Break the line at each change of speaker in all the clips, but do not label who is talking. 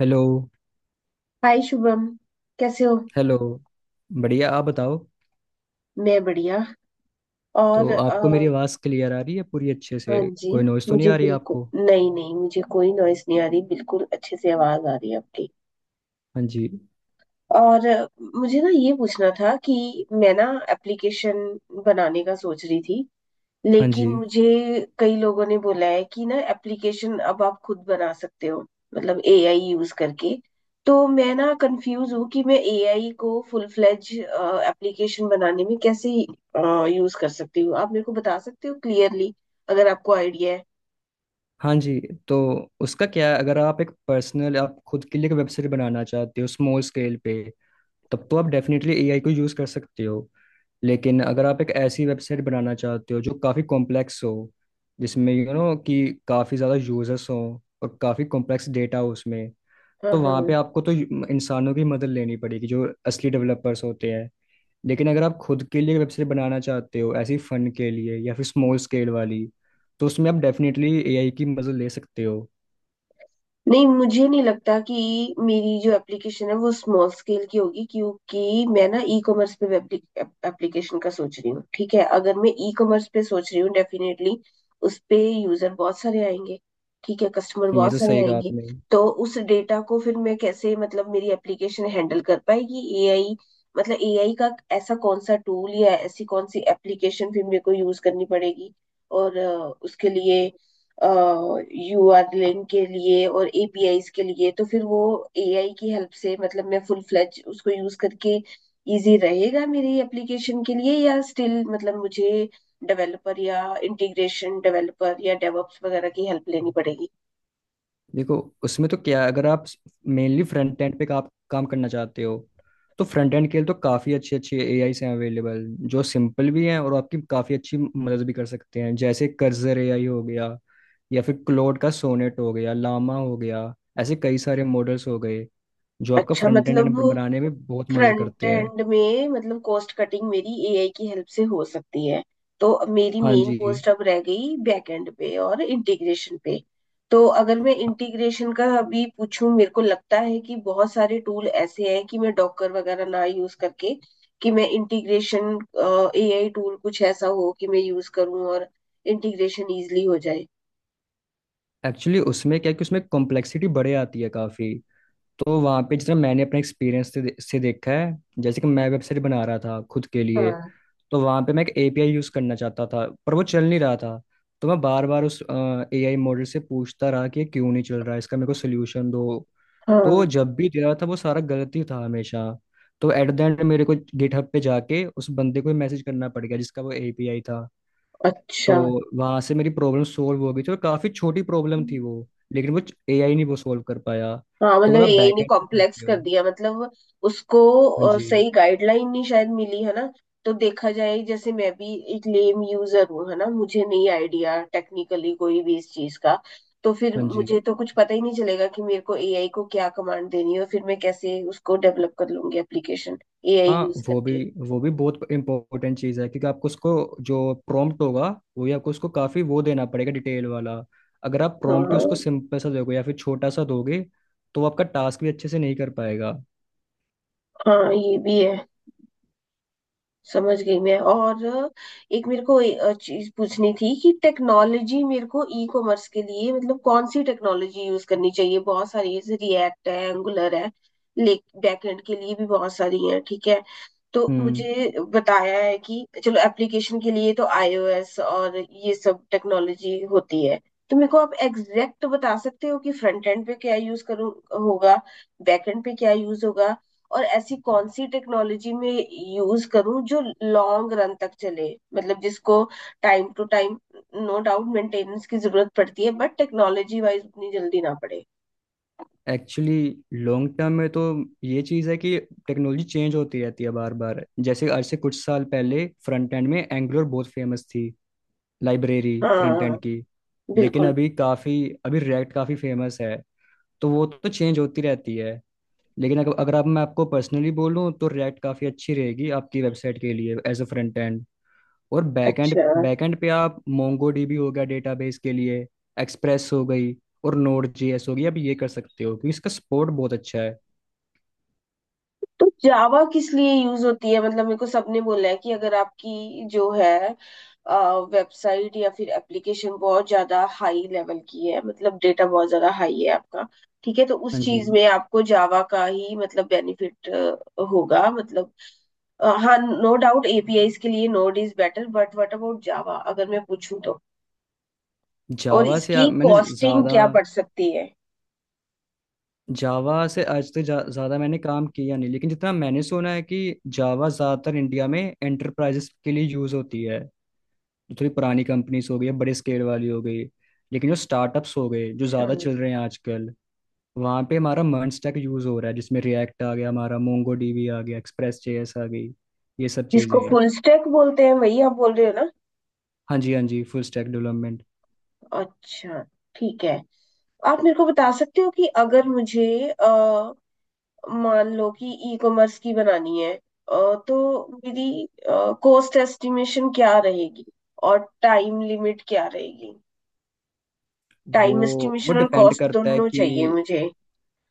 Hello.
Hi Shubham, कैसे हो?
Hello. बढ़िया, आप बताओ।
मैं बढ़िया। और
तो आपको मेरी आवाज़ क्लियर आ रही है पूरी अच्छे
हाँ
से?
जी।
कोई नॉइज़ तो नहीं
मुझे
आ रही
बिल्कुल,
आपको?
नहीं नहीं, मुझे कोई नॉइस नहीं आ रही, बिल्कुल अच्छे से आवाज आ रही है आपकी।
हाँ जी।
और मुझे ना ये पूछना था कि मैं ना एप्लीकेशन बनाने का सोच रही थी,
हाँ जी।
लेकिन मुझे कई लोगों ने बोला है कि ना एप्लीकेशन अब आप खुद बना सकते हो, मतलब एआई यूज करके। तो मैं ना कंफ्यूज हूँ कि मैं एआई को फुल फ्लेज एप्लीकेशन बनाने में कैसे यूज कर सकती हूँ। आप मेरे को बता सकते हो क्लियरली, अगर आपको आइडिया है?
हाँ जी। तो उसका क्या है, अगर आप एक पर्सनल, आप खुद के लिए एक वेबसाइट बनाना चाहते हो स्मॉल स्केल पे, तब तो आप डेफिनेटली एआई को यूज़ कर सकते हो। लेकिन अगर आप एक ऐसी वेबसाइट बनाना चाहते हो जो काफ़ी कॉम्प्लेक्स हो, जिसमें यू नो कि काफ़ी ज़्यादा यूजर्स हों और काफ़ी कॉम्प्लेक्स डेटा हो उसमें,
हाँ
तो वहां
हाँ।
पे आपको तो इंसानों की मदद लेनी पड़ेगी जो असली डेवलपर्स होते हैं। लेकिन अगर आप खुद के लिए वेबसाइट बनाना चाहते हो ऐसी फंड के लिए या फिर स्मॉल स्केल वाली, तो उसमें आप डेफिनेटली एआई की मदद ले सकते हो।
नहीं, मुझे नहीं लगता कि मेरी जो एप्लीकेशन है वो स्मॉल स्केल की होगी, क्योंकि मैं ना ई कॉमर्स पे एप्लीकेशन का सोच रही हूँ। ठीक है, अगर मैं ई कॉमर्स पे सोच रही हूँ, डेफिनेटली उस पे यूजर बहुत सारे आएंगे। ठीक है, कस्टमर
ये
बहुत
तो
सारे
सही कहा
आएंगे।
आपने।
तो उस डेटा को फिर मैं कैसे, मतलब मेरी एप्लीकेशन हैंडल कर पाएगी एआई? मतलब एआई का ऐसा कौन सा टूल या ऐसी कौन सी एप्लीकेशन फिर मेरे को यूज करनी पड़ेगी? और उसके लिए यूआरएल के लिए और एपीआईज के लिए, तो फिर वो एआई की हेल्प से मतलब मैं फुल फ्लेज उसको यूज करके इजी रहेगा मेरी एप्लीकेशन के लिए, या स्टिल मतलब मुझे डेवलपर या इंटीग्रेशन डेवलपर या डेवऑप्स वगैरह की हेल्प लेनी पड़ेगी?
देखो, उसमें तो क्या है, अगर आप मेनली फ्रंट एंड पे आप काम करना चाहते हो, तो फ्रंट एंड के लिए तो काफ़ी अच्छे अच्छे एआई हैं अवेलेबल, जो सिंपल भी हैं और आपकी काफ़ी अच्छी मदद भी कर सकते हैं। जैसे कर्जर एआई हो गया, या फिर क्लोड का सोनेट हो गया, लामा हो गया, ऐसे कई सारे मॉडल्स हो गए जो आपका
अच्छा,
फ्रंट एंड
मतलब
बनाने में बहुत मदद
फ्रंट
करते हैं।
एंड में मतलब कॉस्ट कटिंग मेरी एआई की हेल्प से हो सकती है। तो मेरी
हाँ
मेन
जी।
कॉस्ट अब रह गई बैक एंड पे और इंटीग्रेशन पे। तो अगर मैं इंटीग्रेशन का अभी पूछूं, मेरे को लगता है कि बहुत सारे टूल ऐसे हैं कि मैं डॉकर वगैरह ना यूज करके, कि मैं इंटीग्रेशन एआई टूल कुछ ऐसा हो कि मैं यूज करूं और इंटीग्रेशन इजीली हो जाए।
एक्चुअली उसमें क्या है कि उसमें कॉम्प्लेक्सिटी बढ़े आती है काफ़ी। तो वहाँ पे जितना मैंने अपने एक्सपीरियंस से देखा है, जैसे कि मैं वेबसाइट बना रहा था खुद के लिए,
हाँ
तो वहां पे मैं एक एपीआई यूज करना चाहता था पर वो चल नहीं रहा था। तो मैं बार बार उस एआई मॉडल से पूछता रहा कि ये क्यों नहीं चल रहा है, इसका मेरे को सोल्यूशन दो। तो वो
हाँ।
जब भी दे रहा था वो सारा गलत ही था हमेशा। तो एट द एंड मेरे को गिटहब पे जाके उस बंदे को मैसेज करना पड़ गया जिसका वो एपीआई था। तो
अच्छा।
वहां से मेरी प्रॉब्लम सोल्व हो गई थी और काफी छोटी प्रॉब्लम थी वो। लेकिन वो एआई नहीं वो सोल्व कर पाया।
हाँ,
तो
मतलब
अगर आप
एआई ने
बैकएंड पे
कॉम्प्लेक्स
चाहते हो।
कर दिया, मतलब उसको
हाँ जी।
सही गाइडलाइन नहीं शायद मिली है ना। तो देखा जाए, जैसे मैं भी एक लेम यूजर हूँ है ना, मुझे नहीं आइडिया टेक्निकली कोई भी इस चीज का, तो फिर
हाँ जी।
मुझे तो कुछ पता ही नहीं चलेगा कि मेरे को एआई को क्या कमांड देनी है, और फिर मैं कैसे उसको डेवलप कर लूंगी एप्लीकेशन एआई
हाँ,
यूज
वो भी
करके।
वो भी बहुत इंपॉर्टेंट चीज़ है, क्योंकि आपको उसको जो प्रॉम्प्ट होगा वो ही आपको उसको काफ़ी वो देना पड़ेगा, डिटेल वाला। अगर आप
हाँ
प्रॉम्प्ट ही
हाँ।
उसको सिंपल सा दोगे या फिर छोटा सा दोगे, तो वो आपका टास्क भी अच्छे से नहीं कर पाएगा।
हाँ, ये भी है। समझ गई मैं। और एक मेरे को चीज पूछनी थी कि टेक्नोलॉजी मेरे को ई कॉमर्स के लिए मतलब कौन सी टेक्नोलॉजी यूज करनी चाहिए? बहुत सारी है, जैसे रिएक्ट है, एंगुलर है, ले बैकएंड के लिए भी बहुत सारी है, ठीक है। तो
हम्म।
मुझे बताया है कि चलो, एप्लीकेशन के लिए तो आईओएस और ये सब टेक्नोलॉजी होती है। तो मेरे को आप एग्जैक्ट बता सकते हो कि फ्रंट एंड पे क्या यूज करूँ होगा, बैक एंड पे क्या यूज होगा, और ऐसी कौन सी टेक्नोलॉजी में यूज करूं जो लॉन्ग रन तक चले, मतलब जिसको time to time no doubt maintenance की जरूरत पड़ती है, बट टेक्नोलॉजी वाइज उतनी जल्दी ना पड़े?
एक्चुअली लॉन्ग टर्म में तो ये चीज़ है कि टेक्नोलॉजी चेंज होती रहती है बार बार। जैसे आज से कुछ साल पहले फ्रंट एंड में एंगुलर बहुत फेमस थी, लाइब्रेरी फ्रंट एंड
हाँ,
की। लेकिन
बिल्कुल।
अभी काफ़ी, अभी रिएक्ट काफ़ी फेमस है। तो वो तो चेंज होती रहती है। लेकिन अगर अगर आप, मैं आपको पर्सनली बोलूँ तो रिएक्ट काफ़ी अच्छी रहेगी आपकी वेबसाइट के लिए एज अ फ्रंट एंड। और बैक एंड,
अच्छा,
बैक एंड पे आप मोंगो डीबी हो गया डेटाबेस के लिए, एक्सप्रेस हो गई और नोड जेएस हो गई, आप ये कर सकते हो क्योंकि इसका सपोर्ट बहुत अच्छा है।
तो जावा किस लिए यूज होती है? मतलब मेरे को सबने बोला है कि अगर आपकी जो है वेबसाइट या फिर एप्लीकेशन बहुत ज्यादा हाई लेवल की है, मतलब डेटा बहुत ज्यादा हाई है आपका, ठीक है, तो उस
हाँ जी।
चीज में आपको जावा का ही मतलब बेनिफिट होगा मतलब हाँ। नो डाउट एपीआईज के लिए Node is better, but what about Java अगर मैं पूछूं तो, और
जावा से
इसकी
मैंने
कॉस्टिंग
ज़्यादा,
क्या पड़ सकती है?
जावा से आज तक ज़्यादा मैंने काम किया नहीं। लेकिन जितना मैंने सुना है कि जावा ज़्यादातर इंडिया में एंटरप्राइजेस के लिए यूज़ होती है, जो थोड़ी पुरानी कंपनीज हो गई है बड़े स्केल वाली हो गई। लेकिन जो स्टार्टअप्स हो गए जो ज़्यादा
Sure.
चल रहे हैं आजकल, वहाँ पे हमारा मर्न स्टैक यूज़ हो रहा है, जिसमें रिएक्ट आ गया, हमारा मोंगो डीबी आ गया, एक्सप्रेस जेएस आ गई। ये सब चीज़ें
जिसको
हैं।
फुल स्टैक बोलते हैं, वही आप बोल रहे हो ना?
हाँ जी। हाँ जी, फुल स्टैक डेवलपमेंट।
अच्छा, ठीक है। आप मेरे को बता सकते हो कि अगर मुझे मान लो कि ई कॉमर्स की बनानी है, तो मेरी कॉस्ट एस्टिमेशन क्या रहेगी और टाइम लिमिट क्या रहेगी?
वो
टाइम
वो
एस्टिमेशन और
डिपेंड
कॉस्ट
करता है
दोनों चाहिए मुझे।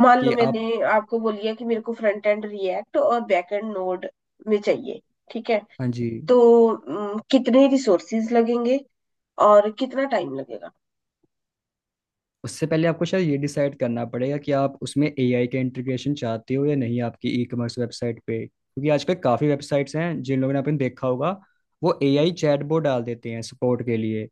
मान लो
कि आप
मैंने आपको बोल दिया कि मेरे को फ्रंट एंड रिएक्ट और बैक एंड नोड में चाहिए, ठीक है,
हाँ जी।
तो कितने रिसोर्सेज लगेंगे और कितना टाइम लगेगा?
उससे पहले आपको शायद ये डिसाइड करना पड़ेगा कि आप उसमें एआई का इंटीग्रेशन चाहते हो या नहीं आपकी ई कॉमर्स वेबसाइट पे, क्योंकि आजकल काफ़ी वेबसाइट्स हैं जिन लोगों ने, आपने देखा होगा वो एआई चैटबॉट डाल देते हैं सपोर्ट के लिए।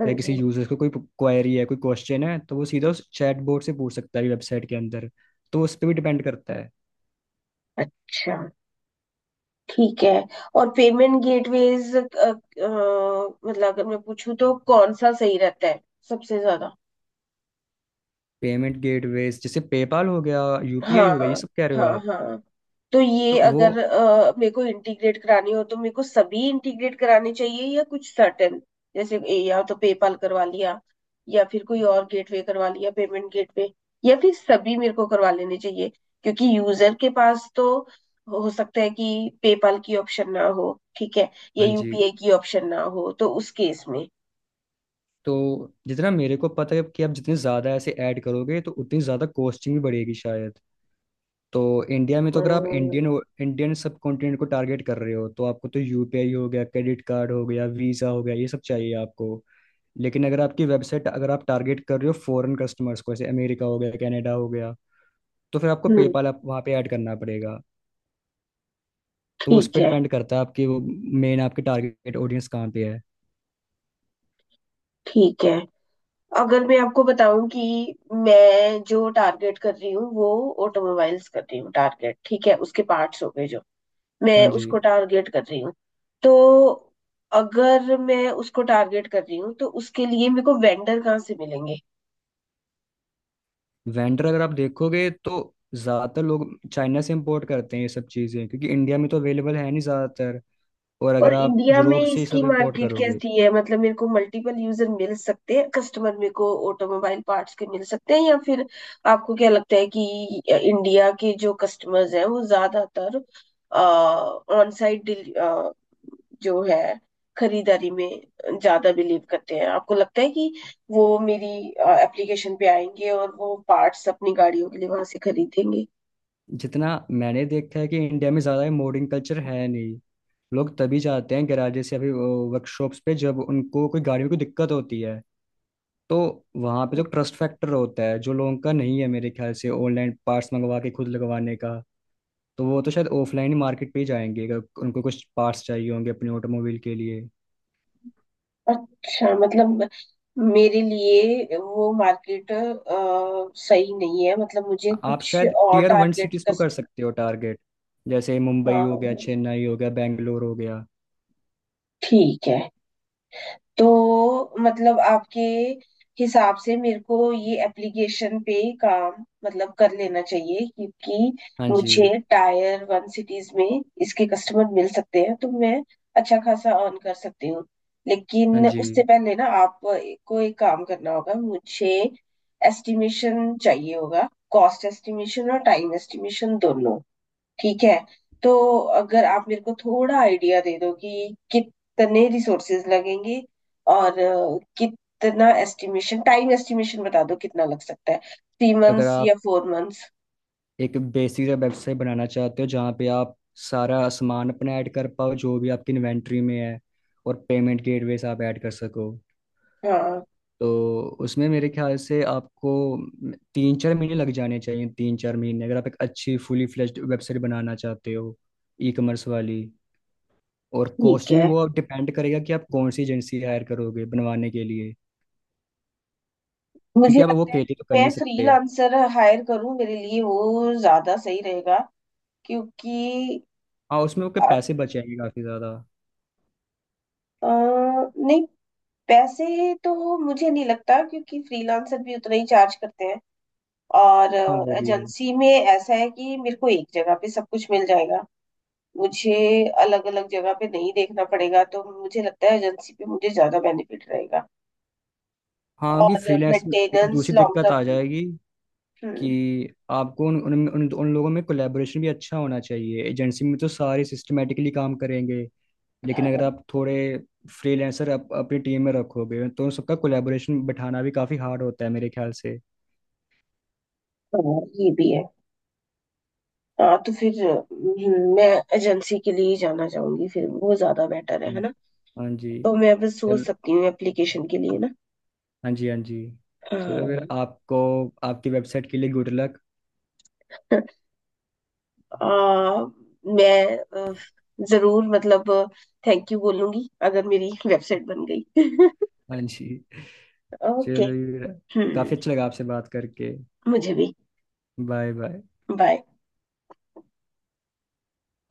हाँ
कहीं किसी
जी।
यूजर को कोई क्वेरी है, कोई क्वेश्चन है, तो वो सीधा उस चैटबॉट से पूछ सकता है वेबसाइट के अंदर। तो उस पर भी डिपेंड करता है।
अच्छा, ठीक है। और पेमेंट गेटवेज, मतलब अगर मैं पूछूं तो कौन सा सही रहता है सबसे ज्यादा?
पेमेंट गेटवेज जैसे पेपाल हो गया, यूपीआई हो गया, ये
हाँ।
सब कह रहे हो
हाँ
आप?
हाँ। तो ये
तो वो,
अगर मेरे को इंटीग्रेट करानी हो तो मेरे को सभी इंटीग्रेट कराने चाहिए या कुछ सर्टेन, जैसे या तो पेपाल करवा लिया या फिर कोई और गेटवे करवा लिया पेमेंट गेटवे, या फिर सभी मेरे को करवा लेने चाहिए? क्योंकि यूजर के पास तो हो सकता है कि पेपाल की ऑप्शन ना हो, ठीक है, या
हाँ जी,
यूपीआई की ऑप्शन ना हो, तो उस केस में।
तो जितना मेरे को पता है कि आप जितने ज़्यादा ऐसे ऐड करोगे तो उतनी ज़्यादा कॉस्टिंग भी बढ़ेगी शायद। तो इंडिया में तो, अगर आप
हम्म।
इंडियन इंडियन सब कॉन्टिनेंट को टारगेट कर रहे हो, तो आपको तो यूपीआई हो गया, क्रेडिट कार्ड हो गया, वीज़ा हो गया, ये सब चाहिए आपको। लेकिन अगर आपकी वेबसाइट, अगर आप टारगेट कर रहे हो फॉरेन कस्टमर्स को, जैसे अमेरिका हो गया, कनाडा हो गया, तो फिर आपको
हम्म,
पेपाल आप वहाँ पे ऐड करना पड़ेगा। तो उस
ठीक
पर
है।
डिपेंड करता है आपकी वो मेन आपकी टारगेट ऑडियंस कहाँ पे है।
ठीक है, अगर मैं आपको बताऊं कि मैं जो टारगेट कर रही हूँ वो ऑटोमोबाइल्स कर रही हूँ टारगेट, ठीक है, उसके पार्ट्स हो गए जो
हाँ
मैं
जी।
उसको टारगेट कर रही हूँ। तो अगर मैं उसको टारगेट कर रही हूँ तो उसके लिए मेरे को वेंडर कहाँ से मिलेंगे?
वेंडर अगर आप देखोगे तो ज़्यादातर लोग चाइना से इम्पोर्ट करते हैं ये सब चीज़ें, क्योंकि इंडिया में तो अवेलेबल है नहीं ज़्यादातर। और अगर
और
आप
इंडिया में
यूरोप से ही
इसकी
सब इम्पोर्ट
मार्केट
करोगे।
कैसी है? मतलब मेरे को मल्टीपल यूजर मिल सकते हैं, कस्टमर मेरे को ऑटोमोबाइल पार्ट्स के मिल सकते हैं, या फिर आपको क्या लगता है कि इंडिया के जो कस्टमर्स हैं वो ज्यादातर ऑन साइट जो है खरीदारी में ज्यादा बिलीव करते हैं? आपको लगता है कि वो मेरी एप्लीकेशन पे आएंगे और वो पार्ट्स अपनी गाड़ियों के लिए वहां से खरीदेंगे?
जितना मैंने देखा है कि इंडिया में ज़्यादा मोडिंग कल्चर है नहीं, लोग तभी जाते हैं गैराजेस या फिर वर्कशॉप्स पे जब उनको कोई गाड़ी में कोई दिक्कत होती है। तो वहाँ पे तो ट्रस्ट फैक्टर होता है जो लोगों का नहीं है मेरे ख्याल से, ऑनलाइन पार्ट्स मंगवा के खुद लगवाने का। तो वो तो शायद ऑफलाइन ही मार्केट पे ही जाएंगे, अगर उनको कुछ पार्ट्स चाहिए होंगे अपने ऑटोमोबाइल के लिए।
अच्छा, मतलब मेरे लिए वो मार्केट सही नहीं है, मतलब मुझे
आप
कुछ
शायद
और
टीयर वन
टारगेट
सिटीज़ को कर
कस्ट।
सकते हो टारगेट, जैसे मुंबई
हाँ,
हो गया, चेन्नई हो गया, बेंगलोर हो गया।
ठीक है। तो मतलब आपके हिसाब से मेरे को ये एप्लीकेशन पे काम मतलब कर लेना चाहिए, क्योंकि
हाँ
मुझे
जी।
टायर वन सिटीज में इसके कस्टमर मिल सकते हैं, तो मैं अच्छा खासा अर्न कर सकती हूँ।
हाँ
लेकिन
जी।
उससे पहले ना आपको एक काम करना होगा, मुझे एस्टिमेशन चाहिए होगा, कॉस्ट एस्टिमेशन और टाइम एस्टिमेशन दोनों। ठीक है, तो अगर आप मेरे को थोड़ा आइडिया दे दो कि कितने रिसोर्सेज लगेंगे और कितना एस्टिमेशन, टाइम एस्टिमेशन बता दो कितना लग सकता है, थ्री
अगर
मंथ्स या
आप
फोर मंथ्स?
एक बेसिक वेबसाइट बनाना चाहते हो जहाँ पे आप सारा सामान अपना ऐड कर पाओ जो भी आपकी इन्वेंट्री में है, और पेमेंट गेटवेज आप ऐड कर सको,
हाँ,
तो उसमें मेरे ख्याल से आपको 3-4 महीने लग जाने चाहिए। 3-4 महीने, अगर आप एक अच्छी फुली फ्लेज्ड वेबसाइट बनाना चाहते हो ई कॉमर्स वाली। और
ठीक
कॉस्टिंग में
है।
वो आप डिपेंड करेगा कि आप कौन सी एजेंसी हायर करोगे बनवाने के लिए,
मुझे
क्योंकि आप वो
लगता है कि
अकेले तो कर
मैं
नहीं सकते।
फ्रीलांसर हायर करूं, मेरे लिए वो ज्यादा सही रहेगा, क्योंकि
हाँ, उसमें आपके
अ,
पैसे बचेंगे काफ़ी ज़्यादा।
नहीं, पैसे तो मुझे नहीं लगता, क्योंकि फ्रीलांसर भी उतना ही चार्ज करते हैं। और
हाँ वो भी है।
एजेंसी में ऐसा है कि मेरे को एक जगह पे सब कुछ मिल जाएगा, मुझे अलग अलग जगह पे नहीं देखना पड़ेगा, तो मुझे लगता है एजेंसी पे मुझे ज्यादा बेनिफिट रहेगा।
हाँ कि
और
फ्रीलांस में एक
मेंटेनेंस
दूसरी
लॉन्ग
दिक्कत आ
टर्म।
जाएगी कि आपको उन लोगों में कोलैबोरेशन भी अच्छा होना चाहिए। एजेंसी में तो सारे सिस्टमेटिकली काम करेंगे। लेकिन
हाँ।
अगर आप थोड़े फ्रीलांसर आप अपनी टीम में रखोगे, तो उन सबका कोलैबोरेशन बिठाना भी काफ़ी हार्ड होता है मेरे ख्याल से।
हाँ, ये भी है। हाँ, तो फिर मैं एजेंसी के लिए ही जाना चाहूंगी, फिर वो ज्यादा बेटर है
हाँ
है ना?
जी। हाँ जी।
तो मैं बस सोच
चल।
सकती हूँ एप्लीकेशन के लिए ना।
हाँ जी। हाँ जी। चलो
हाँ।
फिर आपको, आपकी वेबसाइट के लिए गुड लक।
आ, मैं अ, जरूर, मतलब थैंक यू बोलूंगी अगर मेरी वेबसाइट बन गई।
हाँ जी।
ओके।
चलो फिर।
हम्म।
काफ़ी अच्छा लगा आपसे बात करके।
मुझे भी।
Bye bye.
बाय।